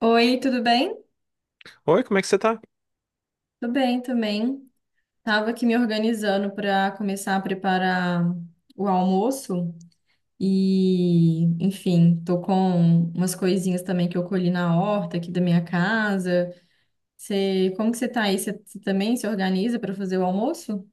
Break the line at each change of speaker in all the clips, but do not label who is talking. Oi, tudo bem?
Oi, como é que você tá?
Tudo bem também. Tava aqui me organizando para começar a preparar o almoço e, enfim, tô com umas coisinhas também que eu colhi na horta aqui da minha casa. Você, como que você tá aí? Você também se organiza para fazer o almoço?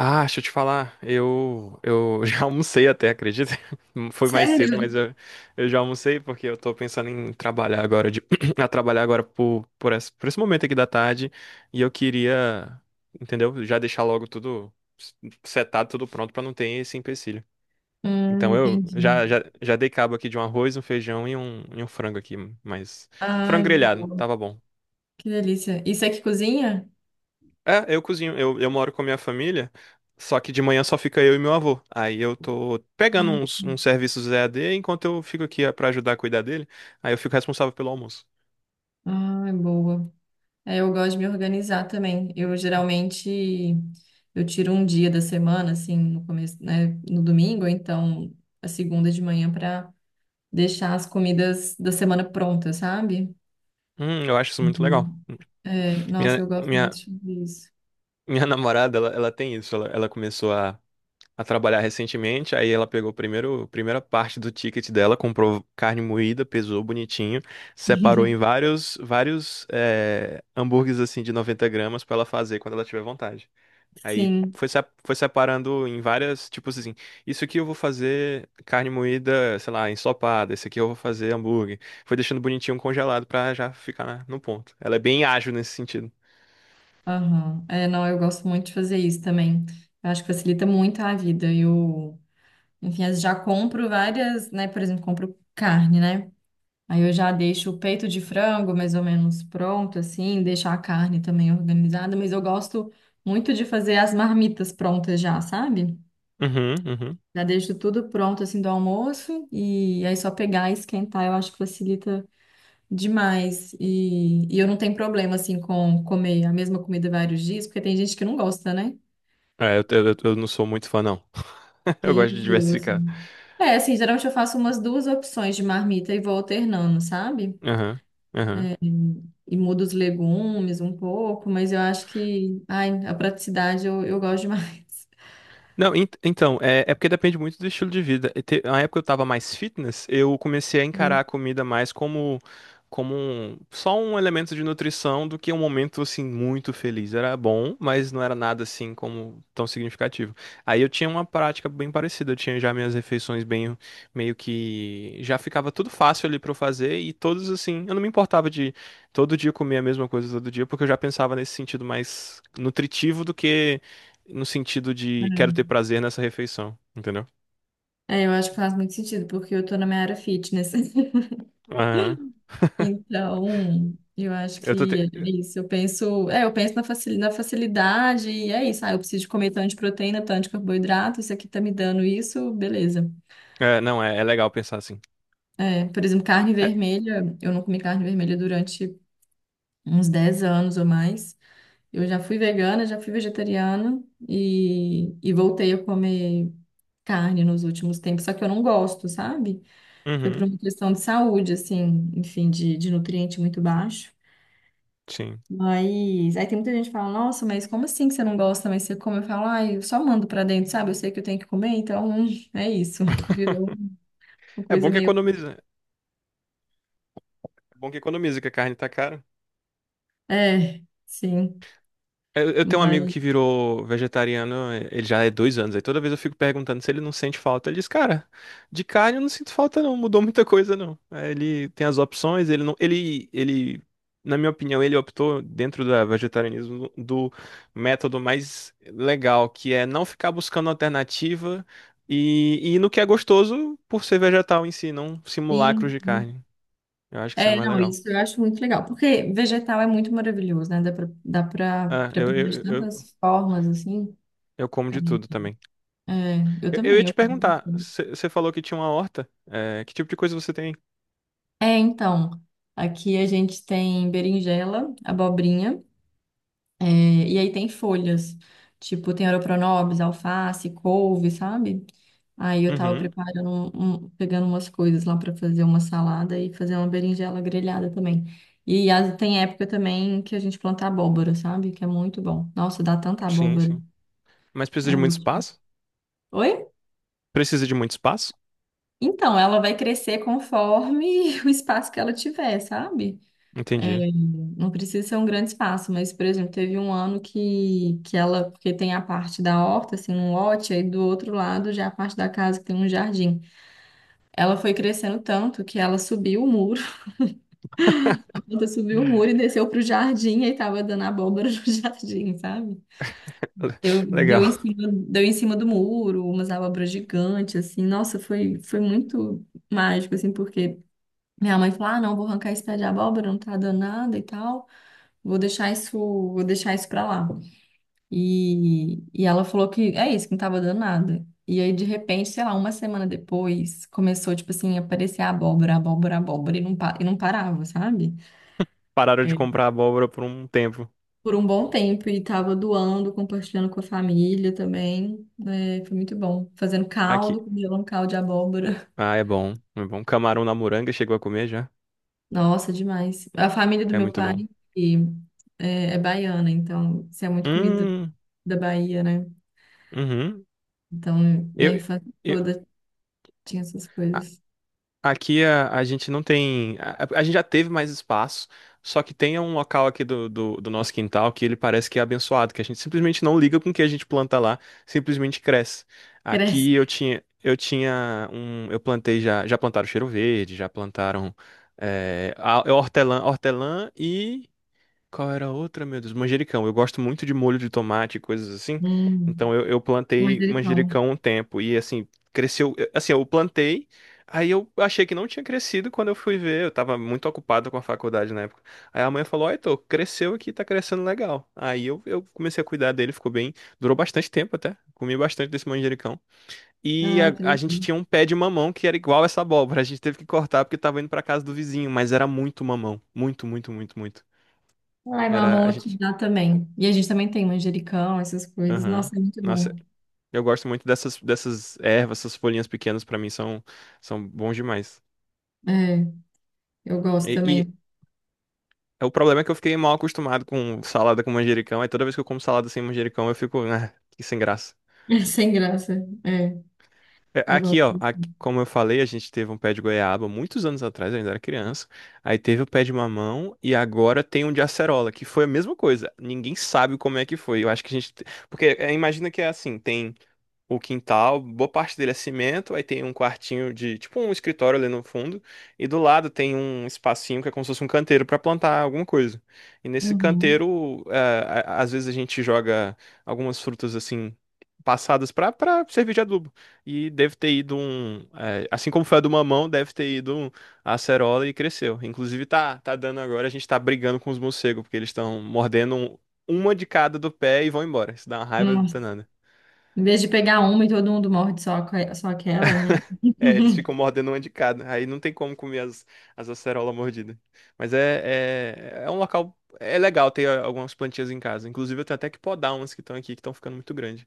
Ah, deixa eu te falar, eu já almocei até, acredita? Foi mais cedo,
Sério?
mas eu já almocei porque eu tô pensando em trabalhar agora, a trabalhar agora por esse momento aqui da tarde e eu queria, entendeu? Já deixar logo tudo setado, tudo pronto pra não ter esse empecilho. Então eu
Entendi.
já, já, já dei cabo aqui de um arroz, um feijão e um frango aqui, mas frango
Ai,
grelhado,
boa.
tava bom.
Que delícia. Isso é que cozinha?
É, eu cozinho. Eu moro com a minha família, só que de manhã só fica eu e meu avô. Aí eu tô pegando
Hum.
uns serviços EAD enquanto eu fico aqui é, pra ajudar a cuidar dele. Aí eu fico responsável pelo almoço.
Ai, boa. É, eu gosto de me organizar também. Eu geralmente eu tiro um dia da semana, assim, no começo, né, no domingo, ou então a segunda de manhã para deixar as comidas da semana prontas, sabe?
Eu acho isso muito legal.
Uhum. É, nossa,
Minha,
eu gosto muito
minha,
de fazer isso.
minha namorada, ela tem isso. Ela começou a trabalhar recentemente. Aí ela pegou primeiro, a primeira parte do ticket dela, comprou carne moída, pesou bonitinho, separou em vários hambúrgueres assim de 90 gramas pra ela fazer quando ela tiver vontade. Aí
Sim,
foi, se- foi separando em várias, tipo assim, isso aqui eu vou fazer carne moída, sei lá, ensopada, esse aqui eu vou fazer hambúrguer. Foi deixando bonitinho congelado pra já ficar no ponto. Ela é bem ágil nesse sentido.
aham. É, não, eu gosto muito de fazer isso também. Eu acho que facilita muito a vida. Eu, enfim, eu já compro várias, né? Por exemplo, compro carne, né? Aí eu já deixo o peito de frango mais ou menos pronto, assim, deixar a carne também organizada, mas eu gosto muito de fazer as marmitas prontas já, sabe?
Uhum, uhum.
Já deixo tudo pronto, assim, do almoço, e aí só pegar e esquentar, eu acho que facilita demais. E eu não tenho problema, assim, com comer a mesma comida vários dias, porque tem gente que não gosta, né?
É, eu não sou muito fã, não. Eu
Que
gosto de
enjoa,
diversificar.
assim. É, assim, geralmente eu faço umas duas opções de marmita e vou alternando, sabe?
Aham, aham.
E mudo os legumes um pouco, mas eu acho que, ai, a praticidade eu gosto demais.
Não, então, é porque depende muito do estilo de vida. Na época eu tava mais fitness, eu comecei a encarar
Sim.
a comida mais como, só um elemento de nutrição do que um momento, assim, muito feliz. Era bom, mas não era nada, assim, como tão significativo. Aí eu tinha uma prática bem parecida. Eu tinha já minhas refeições bem, meio que... Já ficava tudo fácil ali pra eu fazer e todos, assim... Eu não me importava de todo dia comer a mesma coisa todo dia, porque eu já pensava nesse sentido mais nutritivo do que no sentido de quero
É,
ter prazer nessa refeição, entendeu?
É, eu acho que faz muito sentido, porque eu tô na minha área fitness.
É. Aham.
Então, eu acho
Eu tô te...
que é isso. Eu penso, é, eu penso na facil- na facilidade e é isso. Ah, eu preciso de comer tanto de proteína, tanto de carboidrato, isso aqui tá me dando isso, beleza.
é, não, é legal pensar assim.
É, por exemplo, carne
É,
vermelha, eu não comi carne vermelha durante uns 10 anos ou mais. Eu já fui vegana, já fui vegetariana e voltei a comer carne nos últimos tempos, só que eu não gosto, sabe? Foi por
uhum,
uma questão de saúde, assim, enfim, de nutriente muito baixo.
sim.
Mas aí tem muita gente que fala, nossa, mas como assim que você não gosta, mas você come? Eu falo, ai, eu só mando pra dentro, sabe? Eu sei que eu tenho que comer, então é isso. Virou uma
É
coisa
bom que
meio.
economiza. É bom que economiza, que a carne tá cara.
É, sim.
Eu tenho um amigo
Mas
que virou vegetariano, ele já é 2 anos, aí toda vez eu fico perguntando se ele não sente falta. Ele diz, cara, de carne eu não sinto falta não, mudou muita coisa não. Aí ele tem as opções, ele não, ele, na minha opinião, ele optou dentro do vegetarianismo do método mais legal, que é não ficar buscando alternativa e ir no que é gostoso por ser vegetal em si, não simulacros
sim.
de carne. Eu acho que isso é
É,
mais
não,
legal.
isso eu acho muito legal, porque vegetal é muito maravilhoso, né? Dá pra
Ah, eu,
preparar de
eu, eu,
tantas formas, assim.
eu como
É,
de tudo também.
é, eu
Eu ia
também, eu
te
como.
perguntar, você falou que tinha uma horta. É, que tipo de coisa você tem?
É, então, aqui a gente tem berinjela, abobrinha, é, e aí tem folhas, tipo, tem oroponobis, alface, couve, sabe? Aí eu tava
Uhum,
preparando, pegando umas coisas lá pra fazer uma salada e fazer uma berinjela grelhada também. E as- tem época também que a gente planta abóbora, sabe? Que é muito bom. Nossa, dá tanta
sim,
abóbora.
sim. Mas precisa de
É
muito
muito-
espaço?
Oi?
Precisa de muito espaço?
Então, ela vai crescer conforme o espaço que ela tiver, sabe? É,
Entendi.
não precisa ser um grande espaço, mas, por exemplo, teve um ano que ela, porque tem a parte da horta, assim, um lote, aí do outro lado já é a parte da casa que tem um jardim. Ela foi crescendo tanto que ela subiu o muro, a planta subiu o muro e desceu pro jardim, aí tava dando abóbora no jardim, sabe?
Le-
Deu, deu
Legal.
em cima, deu em cima do muro, umas abóboras gigantes, assim, nossa, foi, foi muito mágico, assim, porque minha mãe falou, ah, não, vou arrancar esse pé de abóbora, não tá dando nada e tal. Vou deixar isso pra lá. E ela falou que é isso, que não tava dando nada. E aí, de repente, sei lá, uma semana depois, começou, tipo assim, a aparecer abóbora, abóbora, abóbora, e não, e não parava, sabe?
Pararam de
É.
comprar abóbora por um tempo.
Por um bom tempo, e tava doando, compartilhando com a família também. Né? Foi muito bom. Fazendo
Aqui.
caldo, congelando caldo de abóbora.
Ah, é bom, é bom. Camarão na moranga, chegou a comer já?
Nossa, demais. A família do
É
meu
muito
pai
bom.
e- é baiana, então, isso é muito comida
Hum,
da Bahia, né?
uhum.
Então, minha
Eu,
infância
eu,
toda tinha essas coisas.
aqui a gente não tem. A gente já teve mais espaço, só que tem um local aqui do nosso quintal que ele parece que é abençoado, que a gente simplesmente não liga com o que a gente planta lá, simplesmente cresce. Aqui
Cresce.
eu tinha um. Eu plantei já. Já plantaram cheiro verde, já plantaram é, a- hortelã, Qual era a outra, meu Deus? Manjericão. Eu gosto muito de molho de tomate e coisas assim.
Hum,
Então eu plantei
manjericão.
manjericão um tempo e assim, cresceu. Assim, eu plantei, aí eu achei que não tinha crescido quando eu fui ver. Eu tava muito ocupado com a faculdade na época. Aí a mãe falou: Ó, Heitor, cresceu aqui, tá crescendo legal. Aí eu comecei a cuidar dele, ficou bem. Durou bastante tempo até. Comi bastante desse manjericão. E
Ai, que
a gente
legal.
tinha um pé de mamão que era igual essa abóbora. A gente teve que cortar porque tava indo pra casa do vizinho, mas era muito mamão. Muito, muito, muito, muito.
Ai,
Era,
mamão
a
aqui
gente
dá também. E a gente também tem manjericão, essas coisas.
Aham.
Nossa, é muito
Nossa,
bom.
eu gosto muito dessas ervas, essas folhinhas pequenas pra mim são, são bons demais.
É, eu gosto
E
também.
o problema é que eu fiquei mal acostumado com salada com manjericão, aí toda vez que eu como salada sem manjericão eu fico, ah, que sem graça.
Sem graça. É, eu
Aqui,
gosto.
ó,
Disso.
aqui, como eu falei, a gente teve um pé de goiaba muitos anos atrás, eu ainda era criança. Aí teve o pé de mamão e agora tem um de acerola, que foi a mesma coisa. Ninguém sabe como é que foi. Eu acho que a gente. Te- Porque é, imagina que é assim, tem o quintal, boa parte dele é cimento, aí tem um quartinho de, tipo um escritório ali no fundo, e do lado tem um espacinho que é como se fosse um canteiro para plantar alguma coisa. E nesse
Uhum.
canteiro, às vezes a gente joga algumas frutas assim passadas para servir de adubo. E deve ter ido um, assim como foi a do mamão, deve ter ido um, a acerola e cresceu. Inclusive tá dando agora, a gente tá brigando com os morcegos porque eles estão mordendo uma de cada do pé e vão embora. Isso dá uma raiva
Nossa.
danada.
Em vez de pegar uma e todo mundo morde só, aque- só aquela, né?
É, eles ficam mordendo uma de cada. Aí não tem como comer as acerolas mordidas. Mas é um local. É legal ter algumas plantinhas em casa. Inclusive, eu tenho até que podar umas que estão aqui, que estão ficando muito grandes.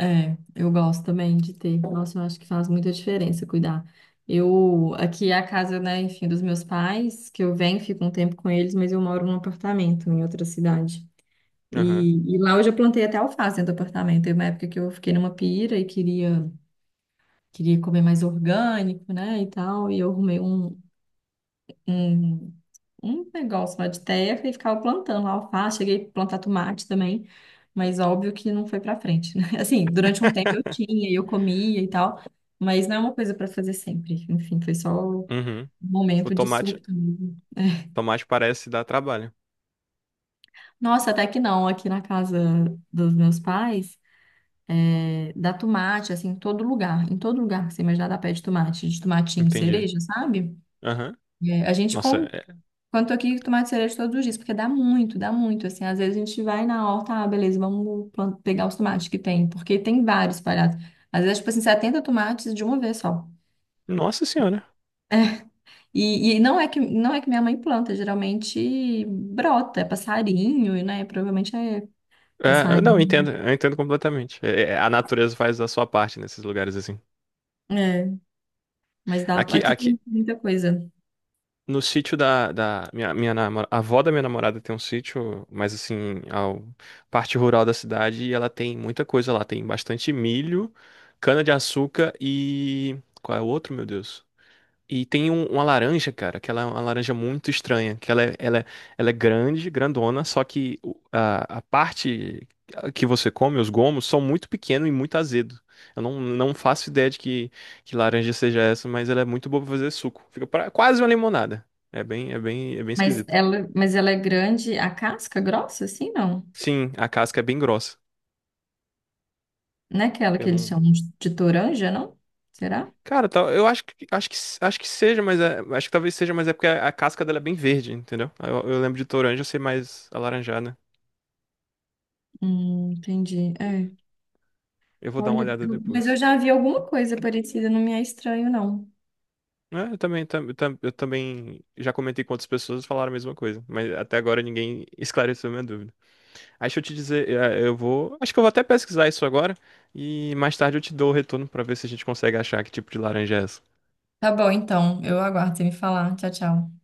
É, eu gosto também de ter. Nossa, eu acho que faz muita diferença cuidar. Eu, aqui é a casa, né, enfim, dos meus pais, que eu venho, fico um tempo com eles, mas eu moro num apartamento em outra cidade.
Aham.
E lá eu já plantei até alface dentro do apartamento. Teve uma época que eu fiquei numa pira e queria, queria comer mais orgânico, né, e tal, e eu arrumei um, um um negócio lá de terra e ficava plantando lá alface, cheguei a plantar tomate também, mas óbvio que não foi pra frente, né? Assim, durante um tempo eu tinha, e eu comia e tal, mas não é uma coisa pra fazer sempre. Enfim, foi só um
Uhum. O
momento de
tomate,
surto mesmo. É.
tomate parece dar trabalho.
Nossa, até que não, aqui na casa dos meus pais, é, dá tomate, assim, em todo lugar que você imaginar dá pé de tomate, de tomatinho
Entendi.
cereja, sabe?
Aham.
É, a gente
Nossa,
come
é-
quando tô aqui, tomate cereja todos os dias, porque dá muito, assim. Às vezes a gente vai na horta, ah, beleza, vamos plan- pegar os tomates que tem, porque tem vários espalhados. Às vezes, tipo assim, 70 tomates de uma vez só.
Nossa Senhora.
E não é que, não é que minha mãe planta, geralmente brota, é passarinho, né? Provavelmente é
É, eu não,
passarinho.
eu entendo completamente. É, a natureza faz a sua parte nesses lugares assim.
É, mas dá,
Aqui,
aqui
aqui,
tem muita coisa.
No sítio da a avó da minha namorada tem um sítio, mas assim, ao parte rural da cidade, e ela tem muita coisa lá. Tem bastante milho, cana-de-açúcar Qual é o outro, meu Deus? E tem uma laranja, cara, que ela é uma laranja muito estranha, que ela é, ela é, ela é grande, grandona, só que a parte que você come, os gomos, são muito pequenos e muito azedo. Eu não, não faço ideia de que laranja seja essa, mas ela é muito boa pra fazer suco. Quase uma limonada. É bem
Mas
esquisito.
ela, mas ela é grande, a casca grossa, assim, não?
Sim, a casca é bem grossa.
Não é aquela
Eu
que eles
não.
chamam de toranja, não? Será?
Cara, tal, eu acho que, acho que, acho que seja, acho que talvez seja, mas é porque a casca dela é bem verde, entendeu? Eu lembro de toranja ser mais alaranjada.
Entendi. É.
Eu vou dar uma
Olha,
olhada
eu- mas eu
depois.
já vi alguma coisa parecida, não me é estranho, não.
É, eu também, eu também já comentei com outras pessoas e falaram a mesma coisa, mas até agora ninguém esclareceu a minha dúvida. Aí deixa eu te dizer, eu vou, acho que eu vou até pesquisar isso agora e mais tarde eu te dou o retorno pra ver se a gente consegue achar que tipo de laranja é essa.
Tá bom, então. Eu aguardo você me falar. Tchau, tchau.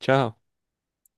Tchau.